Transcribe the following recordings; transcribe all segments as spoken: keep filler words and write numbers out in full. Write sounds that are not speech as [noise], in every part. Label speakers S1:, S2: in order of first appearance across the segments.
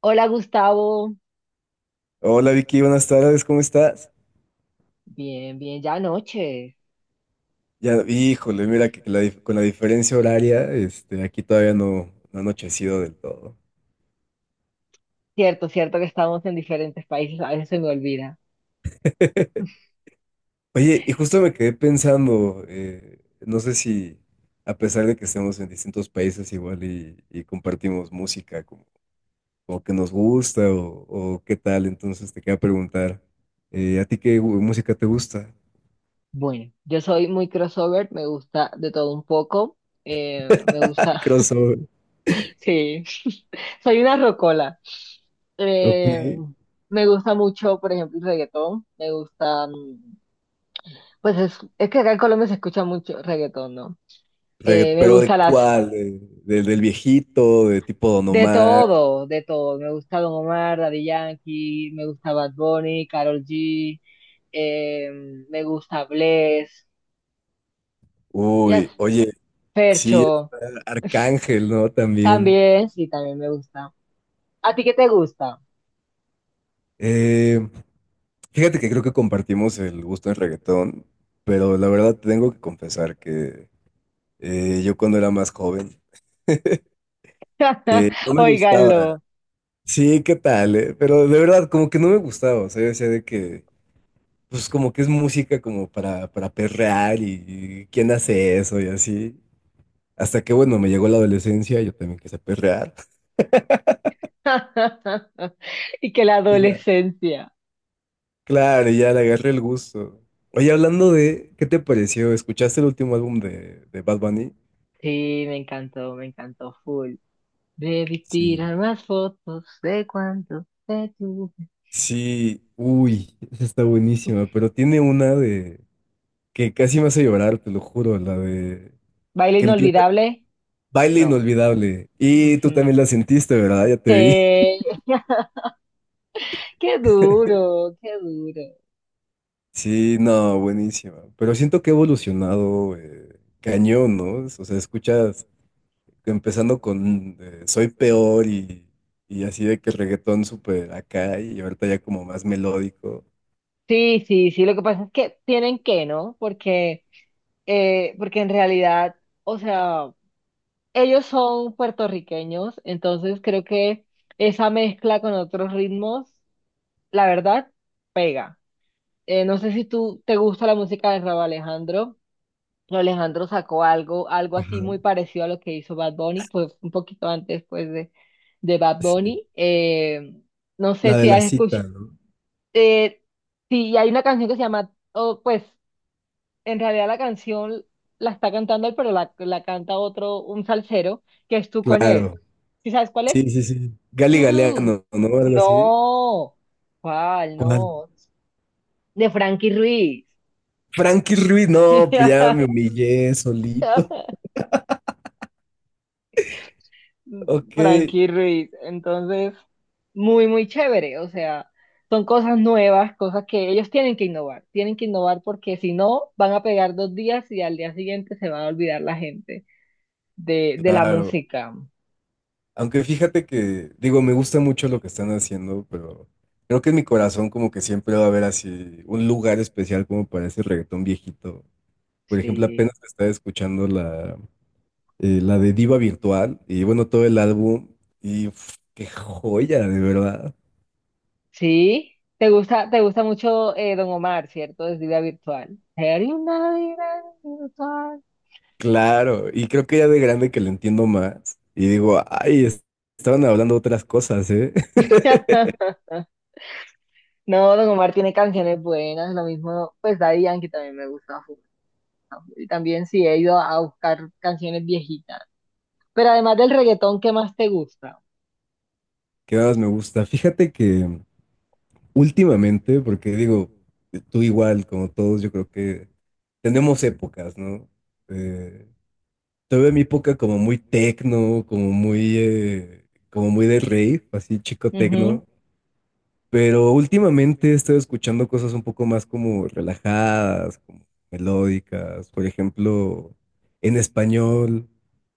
S1: Hola Gustavo,
S2: Hola Vicky, buenas tardes, ¿cómo estás?
S1: bien, bien, ya noche.
S2: Ya, híjole, mira que la dif- con la diferencia horaria, este, aquí todavía no, no ha anochecido del todo.
S1: Cierto, cierto que estamos en diferentes países, a veces se me olvida.
S2: [laughs] Oye, y justo me quedé pensando, eh, no sé si a pesar de que estemos en distintos países igual y, y compartimos música como, como que nos gusta o, o qué tal, entonces te quería preguntar, eh, ¿a ti qué gu- música te gusta?
S1: Bueno, yo soy muy crossover, me gusta de todo un poco, eh, me
S2: [laughs]
S1: gusta,
S2: Crossover.
S1: [laughs] sí, [laughs] soy una rocola.
S2: Ok.
S1: Eh, Me gusta mucho, por ejemplo, el reggaetón, me gusta, mm, pues es, es que acá en Colombia se escucha mucho reggaetón, ¿no? Eh,
S2: Reggaet-
S1: me
S2: pero ¿de
S1: gusta las
S2: cuál? ¿De- del del viejito? ¿De tipo Don
S1: De
S2: Omar?
S1: todo, de todo. Me gusta Don Omar, Daddy Yankee, me gusta Bad Bunny, Karol G, eh, me gusta Bless, yes,
S2: Uy, oye, sí,
S1: Fercho,
S2: está Arcángel, ¿no? También.
S1: también, sí, también me gusta. ¿A ti qué te gusta?
S2: Eh, Fíjate que creo que compartimos el gusto en reggaetón, pero la verdad tengo que confesar que eh, yo cuando era más joven eh, no
S1: [laughs]
S2: me gustaba.
S1: Óiganlo.
S2: Sí, ¿qué tal? ¿Eh? Pero de verdad, como que no me gustaba. O sea, yo decía de que, pues como que es música como para, para perrear y, y quién hace eso y así. Hasta que, bueno, me llegó la adolescencia, yo también quise perrear. [laughs]
S1: [laughs] Y que la
S2: Y ya.
S1: adolescencia.
S2: Claro, ya le agarré el gusto. Oye, hablando de, ¿qué te pareció? ¿Escuchaste el último álbum de, de Bad Bunny?
S1: Sí, me encantó, me encantó full. Debí tirar
S2: Sí.
S1: más fotos de cuánto te tuve.
S2: Sí, uy, [laughs] esa está buenísima, pero tiene una de que casi me hace llorar, te lo juro, la de
S1: ¿Baile
S2: que empieza
S1: inolvidable?
S2: Baile
S1: No.
S2: Inolvidable. Y tú
S1: Ujú.
S2: también la sentiste, ¿verdad? Ya te vi. [laughs]
S1: Sí. [laughs] Qué duro, qué duro.
S2: Sí, no, buenísima. Pero siento que ha evolucionado eh, cañón, ¿no? O sea, escuchas empezando con eh, Soy Peor y, y así de que reggaetón súper acá y ahorita ya como más melódico.
S1: Sí, sí, sí, lo que pasa es que tienen que, ¿no? Porque, eh, porque en realidad, o sea, ellos son puertorriqueños, entonces creo que esa mezcla con otros ritmos, la verdad, pega. Eh, no sé si tú te gusta la música de Rauw Alejandro. Rauw Alejandro sacó algo, algo
S2: Ajá,
S1: así muy parecido a lo que hizo Bad Bunny, pues un poquito antes, pues, de, de Bad
S2: sí.
S1: Bunny. Eh, no sé
S2: La de
S1: si has
S2: la cita,
S1: escuchado.
S2: ¿no?
S1: Eh, sí, y hay una canción que se llama, o pues en realidad la canción la está cantando él, pero la, la canta otro, un salsero, que es Tú con
S2: Claro,
S1: él. ¿Sí sabes cuál es?
S2: sí, sí, sí. Gali
S1: Tú.
S2: Galeano, ¿no? Algo así.
S1: No. ¿Cuál?
S2: ¿Cuál?
S1: No. De Frankie Ruiz.
S2: Frankie Ruiz, no, pues ya me humillé solito.
S1: [laughs]
S2: [laughs] Ok,
S1: Frankie Ruiz. Entonces, muy, muy chévere. O sea, son cosas nuevas, cosas que ellos tienen que innovar. Tienen que innovar porque si no, van a pegar dos días y al día siguiente se va a olvidar la gente. de, de la
S2: claro.
S1: música.
S2: Aunque fíjate que, digo, me gusta mucho lo que están haciendo, pero creo que en mi corazón como que siempre va a haber así un lugar especial como para ese reggaetón viejito. Por ejemplo, apenas
S1: Sí.
S2: estaba escuchando la, eh, la de Diva Virtual y bueno, todo el álbum y uf, qué joya, de verdad.
S1: Sí. ¿Te gusta, te gusta mucho eh, Don Omar, cierto, desde vida virtual? Sería una vida virtual.
S2: Claro, y creo que ya de grande que lo entiendo más y digo, ay, es- estaban hablando otras cosas, ¿eh? [laughs]
S1: [laughs] No, Don Omar tiene canciones buenas, lo mismo, pues Daddy Yankee también me gusta full, ¿no? Y también sí he ido a buscar canciones viejitas. Pero además del reggaetón, ¿qué más te gusta?
S2: ¿Qué más me gusta? Fíjate que últimamente, porque digo, tú igual, como todos, yo creo que tenemos épocas, ¿no? Eh, Tuve mi época como muy tecno, como muy, eh, como muy de rave, así chico
S1: Ujú.
S2: tecno. Pero últimamente he estado escuchando cosas un poco más como relajadas, como melódicas. Por ejemplo, en español,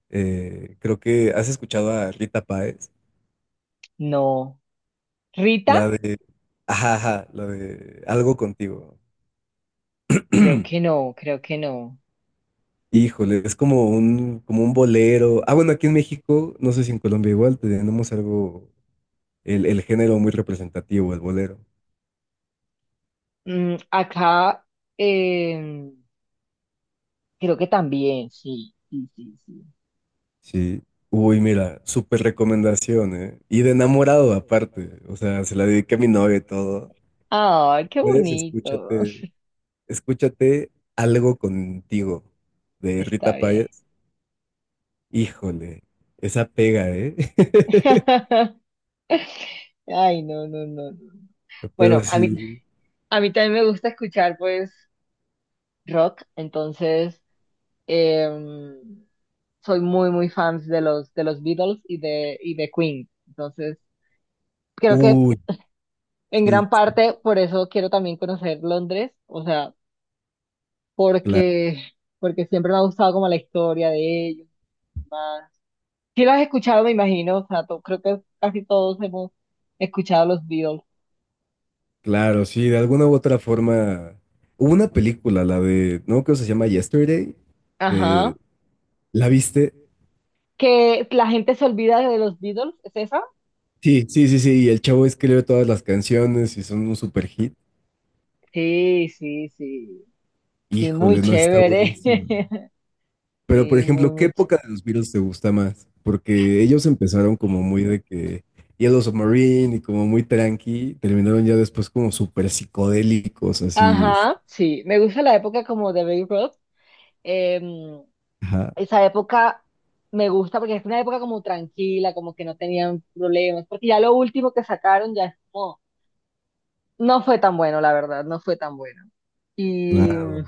S2: eh, creo que has escuchado a Rita Páez,
S1: No.
S2: la
S1: ¿Rita?
S2: de, ajá, ajá, la de Algo contigo.
S1: Creo que
S2: [clears throat]
S1: no, creo que no.
S2: Híjole, es como un, como un bolero. Ah, bueno, aquí en México, no sé si en Colombia igual, tenemos algo, el, el género muy representativo, el bolero.
S1: Mm, acá, em, creo que también, sí, sí, sí, sí.
S2: Sí. Uy, mira, súper recomendación, ¿eh? Y de enamorado aparte. O sea, se la dediqué a mi novia y todo.
S1: Ay, qué
S2: Puedes
S1: bonito.
S2: escúchate, escúchate algo contigo de Rita
S1: Está bien.
S2: Payas. Híjole, esa pega, ¿eh? [laughs]
S1: [laughs] Ay, no, no, no, no. Bueno,
S2: Pero
S1: a mí,
S2: sí.
S1: a mí también me gusta escuchar, pues, rock, entonces em, soy muy, muy fans de los, de los Beatles y de, y de Queen. Entonces, creo que
S2: Uy,
S1: en gran
S2: sí,
S1: parte por eso quiero también conocer Londres, o sea,
S2: claro,
S1: porque, porque, siempre me ha gustado como la historia de ellos. Sí lo has escuchado, me imagino, o sea, to- creo que casi todos hemos escuchado los Beatles.
S2: claro, sí, de alguna u otra forma. Hubo una película, la de, ¿no? Creo que se llama Yesterday,
S1: Ajá.
S2: de, ¿la viste?
S1: Que la gente se olvida de los Beatles, ¿es esa?
S2: Sí, sí, sí, sí. Y el chavo escribe todas las canciones y son un super hit.
S1: Sí, sí, sí. Sí, muy
S2: Híjole, no, está
S1: chévere.
S2: buenísimo.
S1: [laughs]
S2: Pero, por
S1: Sí,
S2: ejemplo,
S1: muy,
S2: ¿qué
S1: muy chévere.
S2: época de los Beatles te gusta más? Porque ellos empezaron como muy de que Yellow Submarine y como muy tranqui. Terminaron ya después como súper psicodélicos, así. este,
S1: Ajá, sí. Me gusta la época como de Baby Ruth. Em,
S2: Ajá,
S1: Esa época me gusta porque es una época como tranquila, como que no tenían problemas. Porque ya lo último que sacaron ya es como, no fue tan bueno, la verdad, no fue tan bueno. Y.
S2: claro.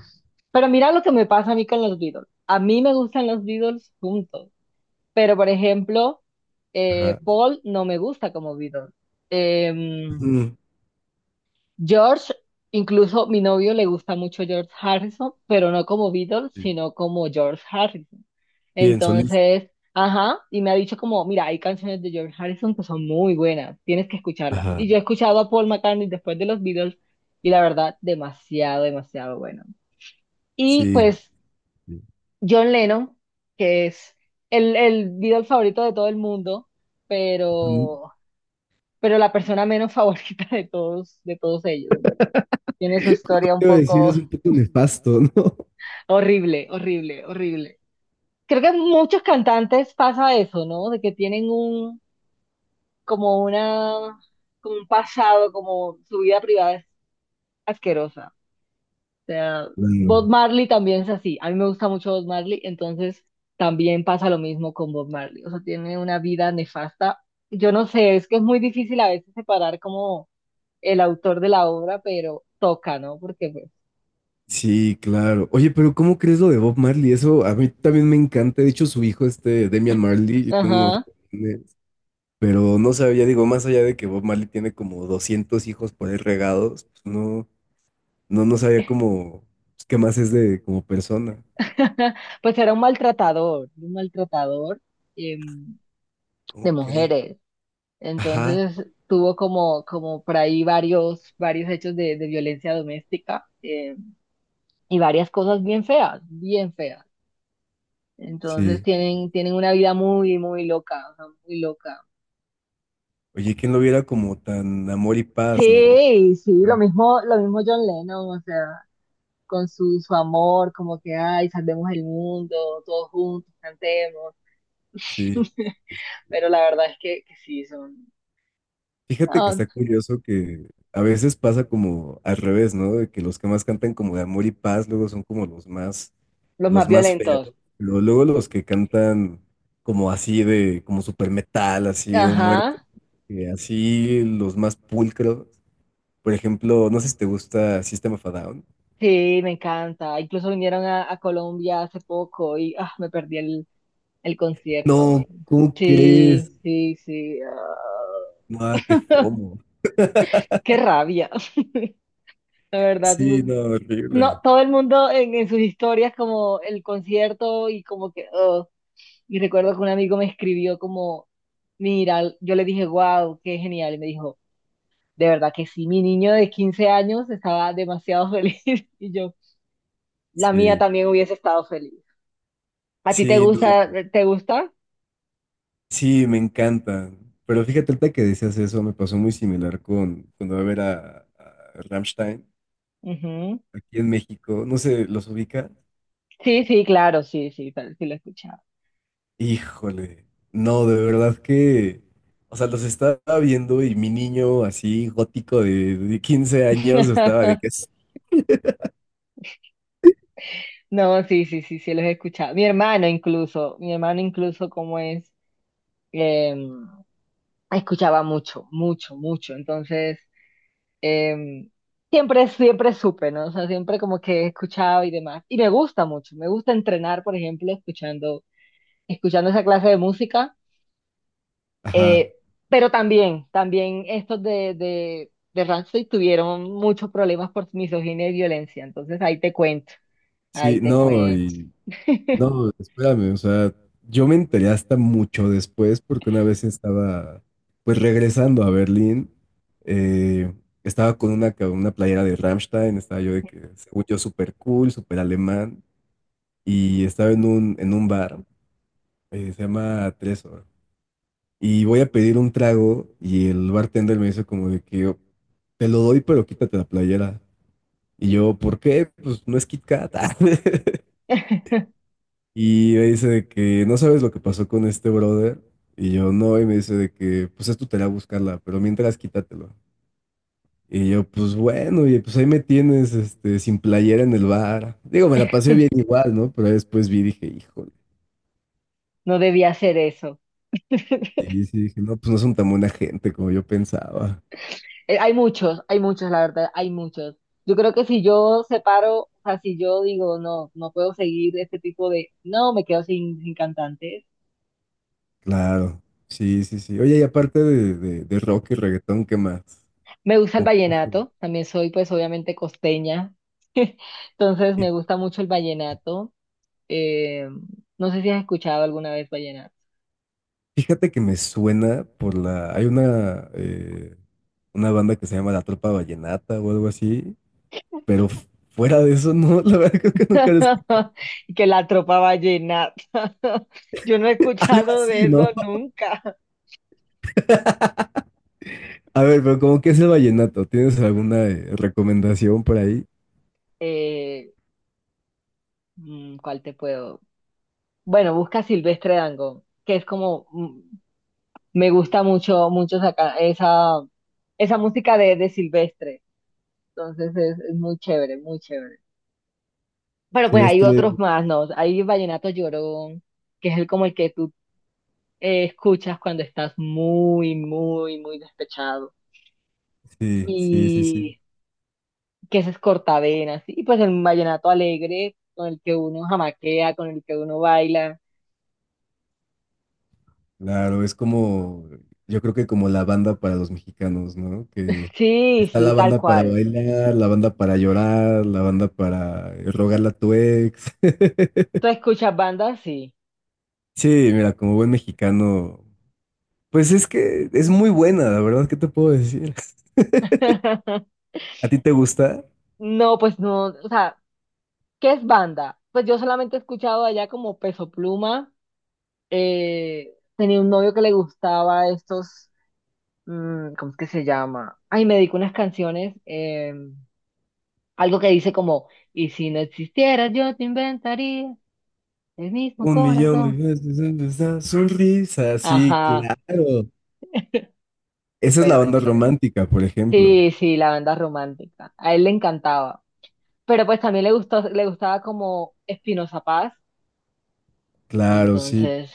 S1: Pero mira lo que me pasa a mí con los Beatles. A mí me gustan los Beatles juntos, pero por ejemplo,
S2: Ajá.
S1: eh, Paul no me gusta como Beatles. Em,
S2: Ujú.
S1: George, incluso mi novio le gusta mucho George Harrison, pero no como Beatles,
S2: Sí,
S1: sino como George Harrison.
S2: sí, en solista.
S1: Entonces, ajá, y me ha dicho como, mira, hay canciones de George Harrison que son muy buenas, tienes que escucharlas.
S2: Ajá.
S1: Y yo he escuchado a Paul McCartney después de los Beatles, y la verdad, demasiado, demasiado bueno. Y
S2: Sí.
S1: pues
S2: Sí.
S1: John Lennon, que es el, el Beatle favorito de todo el mundo,
S2: Mm,
S1: pero, pero la persona menos [laughs] favorita de todos, de todos ellos, ¿no? Tiene su
S2: Todo
S1: historia un
S2: te iba a
S1: poco.
S2: decir es un poco nefasto, ¿no? [laughs]
S1: Horrible, horrible, horrible. Creo que muchos cantantes pasa eso, ¿no? De que tienen un, como una, como un pasado, como su vida privada es asquerosa. O sea, Bob
S2: Claro.
S1: Marley también es así. A mí me gusta mucho Bob Marley, entonces también pasa lo mismo con Bob Marley. O sea, tiene una vida nefasta. Yo no sé, es que es muy difícil a veces separar como el autor de la obra, pero toca, ¿no? Porque pues,
S2: Sí, claro. Oye, pero ¿cómo crees lo de Bob Marley? Eso a mí también me encanta. De hecho, su hijo, este Damian Marley, tiene unos
S1: ajá.
S2: riñones. Pero no sabía, digo, más allá de que Bob Marley tiene como doscientos hijos por ahí regados, pues no, no, no sabía cómo, pues, qué más es de como persona.
S1: [laughs] Pues era un maltratador, un maltratador em,
S2: ¿Cómo
S1: de
S2: crees?
S1: mujeres.
S2: Ajá,
S1: Entonces tuvo como, como, por ahí varios, varios hechos de, de violencia doméstica em, y varias cosas bien feas, bien feas. Entonces
S2: sí.
S1: tienen, tienen una vida muy, muy loca, o sea, muy loca.
S2: Oye, ¿quién lo viera como tan amor y paz, no?
S1: Sí, sí, lo
S2: Mm.
S1: mismo, lo mismo John Lennon, o sea, con su, su amor, como que, ay, salvemos el mundo, todos juntos, cantemos.
S2: Sí.
S1: [laughs] Pero la verdad es que, que sí, son.
S2: Fíjate que
S1: Ah,
S2: está curioso que a veces pasa como al revés, ¿no? De que los que más cantan como de amor y paz luego son como los más,
S1: los más
S2: los más feos.
S1: violentos.
S2: Pero luego los que cantan como así de, como super metal, así de
S1: Ajá,
S2: muerte, eh, así los más pulcros. Por ejemplo, no sé si te gusta System of a Down.
S1: sí, me encanta. Incluso vinieron a, a Colombia hace poco y ah, me perdí el, el
S2: No,
S1: concierto.
S2: ¿cómo
S1: Sí,
S2: crees?
S1: sí, sí. Ah.
S2: No, qué
S1: [laughs]
S2: fomo.
S1: Qué rabia. [laughs] La verdad,
S2: Sí,
S1: fue-
S2: no,
S1: no,
S2: horrible.
S1: todo el mundo en, en sus historias como el concierto y como que, oh. Y recuerdo que un amigo me escribió como, mira, yo le dije, wow, qué genial. Y me dijo, de verdad que sí, mi niño de quince años estaba demasiado feliz. [laughs] Y yo, la mía
S2: Sí,
S1: también hubiese estado feliz. ¿A ti te
S2: sí, no.
S1: gusta? ¿Te gusta?
S2: Sí, me encantan. Pero fíjate, ahorita que decías eso, me pasó muy similar con cuando iba a ver a, a Rammstein
S1: Ujú.
S2: aquí en México. No sé, ¿los ubica?
S1: Sí, sí, claro, sí, sí, tal- sí lo he escuchado.
S2: Híjole, no, de verdad que. O sea, los estaba viendo y mi niño así gótico de, de quince años estaba de
S1: [laughs]
S2: que es.
S1: No, sí, sí, sí, sí, los he escuchado. Mi hermano incluso, mi hermano incluso como es, em, escuchaba mucho, mucho, mucho. Entonces, em, siempre, siempre supe, ¿no? O sea, siempre como que he escuchado y demás. Y me gusta mucho, me gusta entrenar, por ejemplo, escuchando, escuchando, esa clase de música.
S2: Ajá.
S1: Eh, pero también, también estos de, de, de Rancid tuvieron muchos problemas por misoginia y violencia. Entonces ahí te cuento, ahí
S2: Sí,
S1: te
S2: no,
S1: cuento.
S2: y
S1: [laughs]
S2: No, espérame, o sea, yo me enteré hasta mucho después porque una vez estaba, pues regresando a Berlín, eh, estaba con una, ca- una playera de Rammstein, estaba yo de que, según yo, súper cool, súper alemán, y estaba en un, en un bar, eh, se llama Tresor, y voy a pedir un trago y el bartender me dice como de que yo, te lo doy, pero quítate la playera. Y yo, ¿por qué? Pues no es Kit Kat. [laughs] Y me dice de que no sabes lo que pasó con este brother. Y yo no, y me dice de que pues es tu tarea buscarla, pero mientras quítatelo. Y yo, pues bueno, y pues ahí me tienes este, sin playera en el bar. Digo, me la pasé bien igual, ¿no? Pero después vi y dije, híjole.
S1: No debía hacer eso. [laughs]
S2: Sí, sí, dije, no, pues no son tan buena gente como yo pensaba.
S1: Eh, Hay muchos, hay muchos, la verdad, hay muchos. Yo creo que si yo separo, o sea, si yo digo, no, no puedo seguir este tipo de, no, me quedo sin, sin cantantes.
S2: Claro, sí, sí, sí. Oye, y aparte de, de, de rock y reggaetón, ¿qué más?
S1: Me gusta el
S2: ¿Cómo que más te gusta?
S1: vallenato, también soy pues obviamente costeña, [laughs] entonces me gusta mucho el vallenato. Eh, no sé si has escuchado alguna vez vallenato.
S2: Fíjate que me suena por la. Hay una, eh, una banda que se llama La Tropa Vallenata o algo así, pero f- fuera de eso, no, [laughs] la verdad creo que nunca la escuché.
S1: [laughs] Que la tropa vallenata. [laughs] Yo no he
S2: Algo
S1: escuchado de
S2: así,
S1: eso
S2: ¿no?
S1: nunca.
S2: A ver, pero ¿como que es el vallenato? ¿Tienes alguna eh, recomendación por ahí?
S1: Eh, mm, ¿Cuál te puedo? Bueno, busca Silvestre Dangond, que es como, mm, me gusta mucho, mucho saca- esa, esa música de, de Silvestre. Entonces es, es muy chévere, muy chévere. Pero pues hay
S2: Silvestre,
S1: otros más, ¿no? Hay Vallenato Llorón, que es el como el que tú eh, escuchas cuando estás muy, muy, muy despechado
S2: sí, sí, sí, sí.
S1: y que ese es cortavenas, y pues el vallenato alegre con el que uno jamaquea, con el que uno baila.
S2: Claro, es como, yo creo que como la banda para los mexicanos, ¿no? Que
S1: Sí,
S2: está la
S1: sí, tal
S2: banda para
S1: cual.
S2: bailar, la banda para llorar, la banda para eh, rogarle a tu ex. [laughs]
S1: ¿Tú escuchas banda? Sí.
S2: Sí, mira, como buen mexicano, pues es que es muy buena, la verdad, ¿qué te puedo decir? [laughs]
S1: [laughs]
S2: ¿A ti te gusta?
S1: No, pues no, o sea, ¿qué es banda? Pues yo solamente he escuchado allá como Peso Pluma, eh, tenía un novio que le gustaba estos, mm, ¿cómo es que se llama? Ay, me dedicó unas canciones, eh, algo que dice como, y si no existieras yo te inventaría el mismo
S2: Un millón de
S1: corazón.
S2: veces esa sonrisa, sí,
S1: Ajá,
S2: claro. Esa es
S1: bueno,
S2: la
S1: bueno.
S2: banda romántica, por ejemplo.
S1: Sí, sí, la banda romántica. A él le encantaba, pero pues también le gustó, le gustaba como Espinoza Paz,
S2: Claro, sí,
S1: entonces,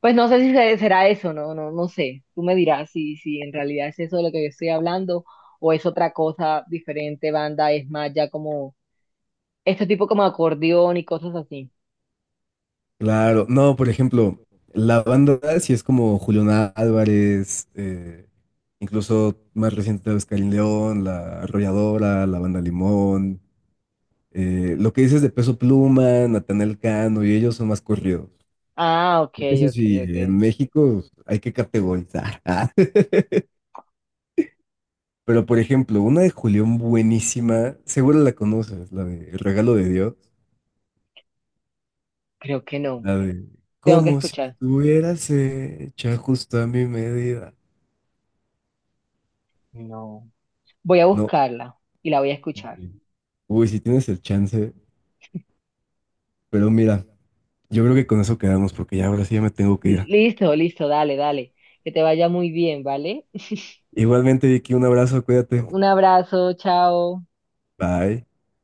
S1: pues no sé si se- será eso, no, no, no sé. Tú me dirás si, si, en realidad es eso de lo que yo estoy hablando o es otra cosa diferente, banda, es más ya como este tipo como acordeón y cosas así.
S2: claro. No, por ejemplo, la banda sí es como Julián Álvarez, eh, incluso más reciente tal vez Karin León, La Arrolladora, La Banda Limón. eh, lo que dices de Peso Pluma, Natanael Cano, y ellos son más corridos.
S1: Ah, ok,
S2: Porque eso
S1: ok,
S2: sí, en
S1: ok.
S2: México hay que categorizar. [laughs] Pero por ejemplo, una de Julián buenísima, seguro la conoces, la de El regalo de Dios,
S1: Creo que no.
S2: la de
S1: Tengo que
S2: como si
S1: escuchar.
S2: estuvieras hecha justo a mi medida.
S1: No. Voy a
S2: No,
S1: buscarla y la voy a escuchar.
S2: uy, si tienes el chance, pero mira, yo creo que con eso quedamos porque ya ahora sí ya me tengo que ir.
S1: Listo, listo, dale, dale. Que te vaya muy bien, ¿vale?
S2: Igualmente, Vicky, un abrazo, cuídate.
S1: Un abrazo, chao.
S2: Bye.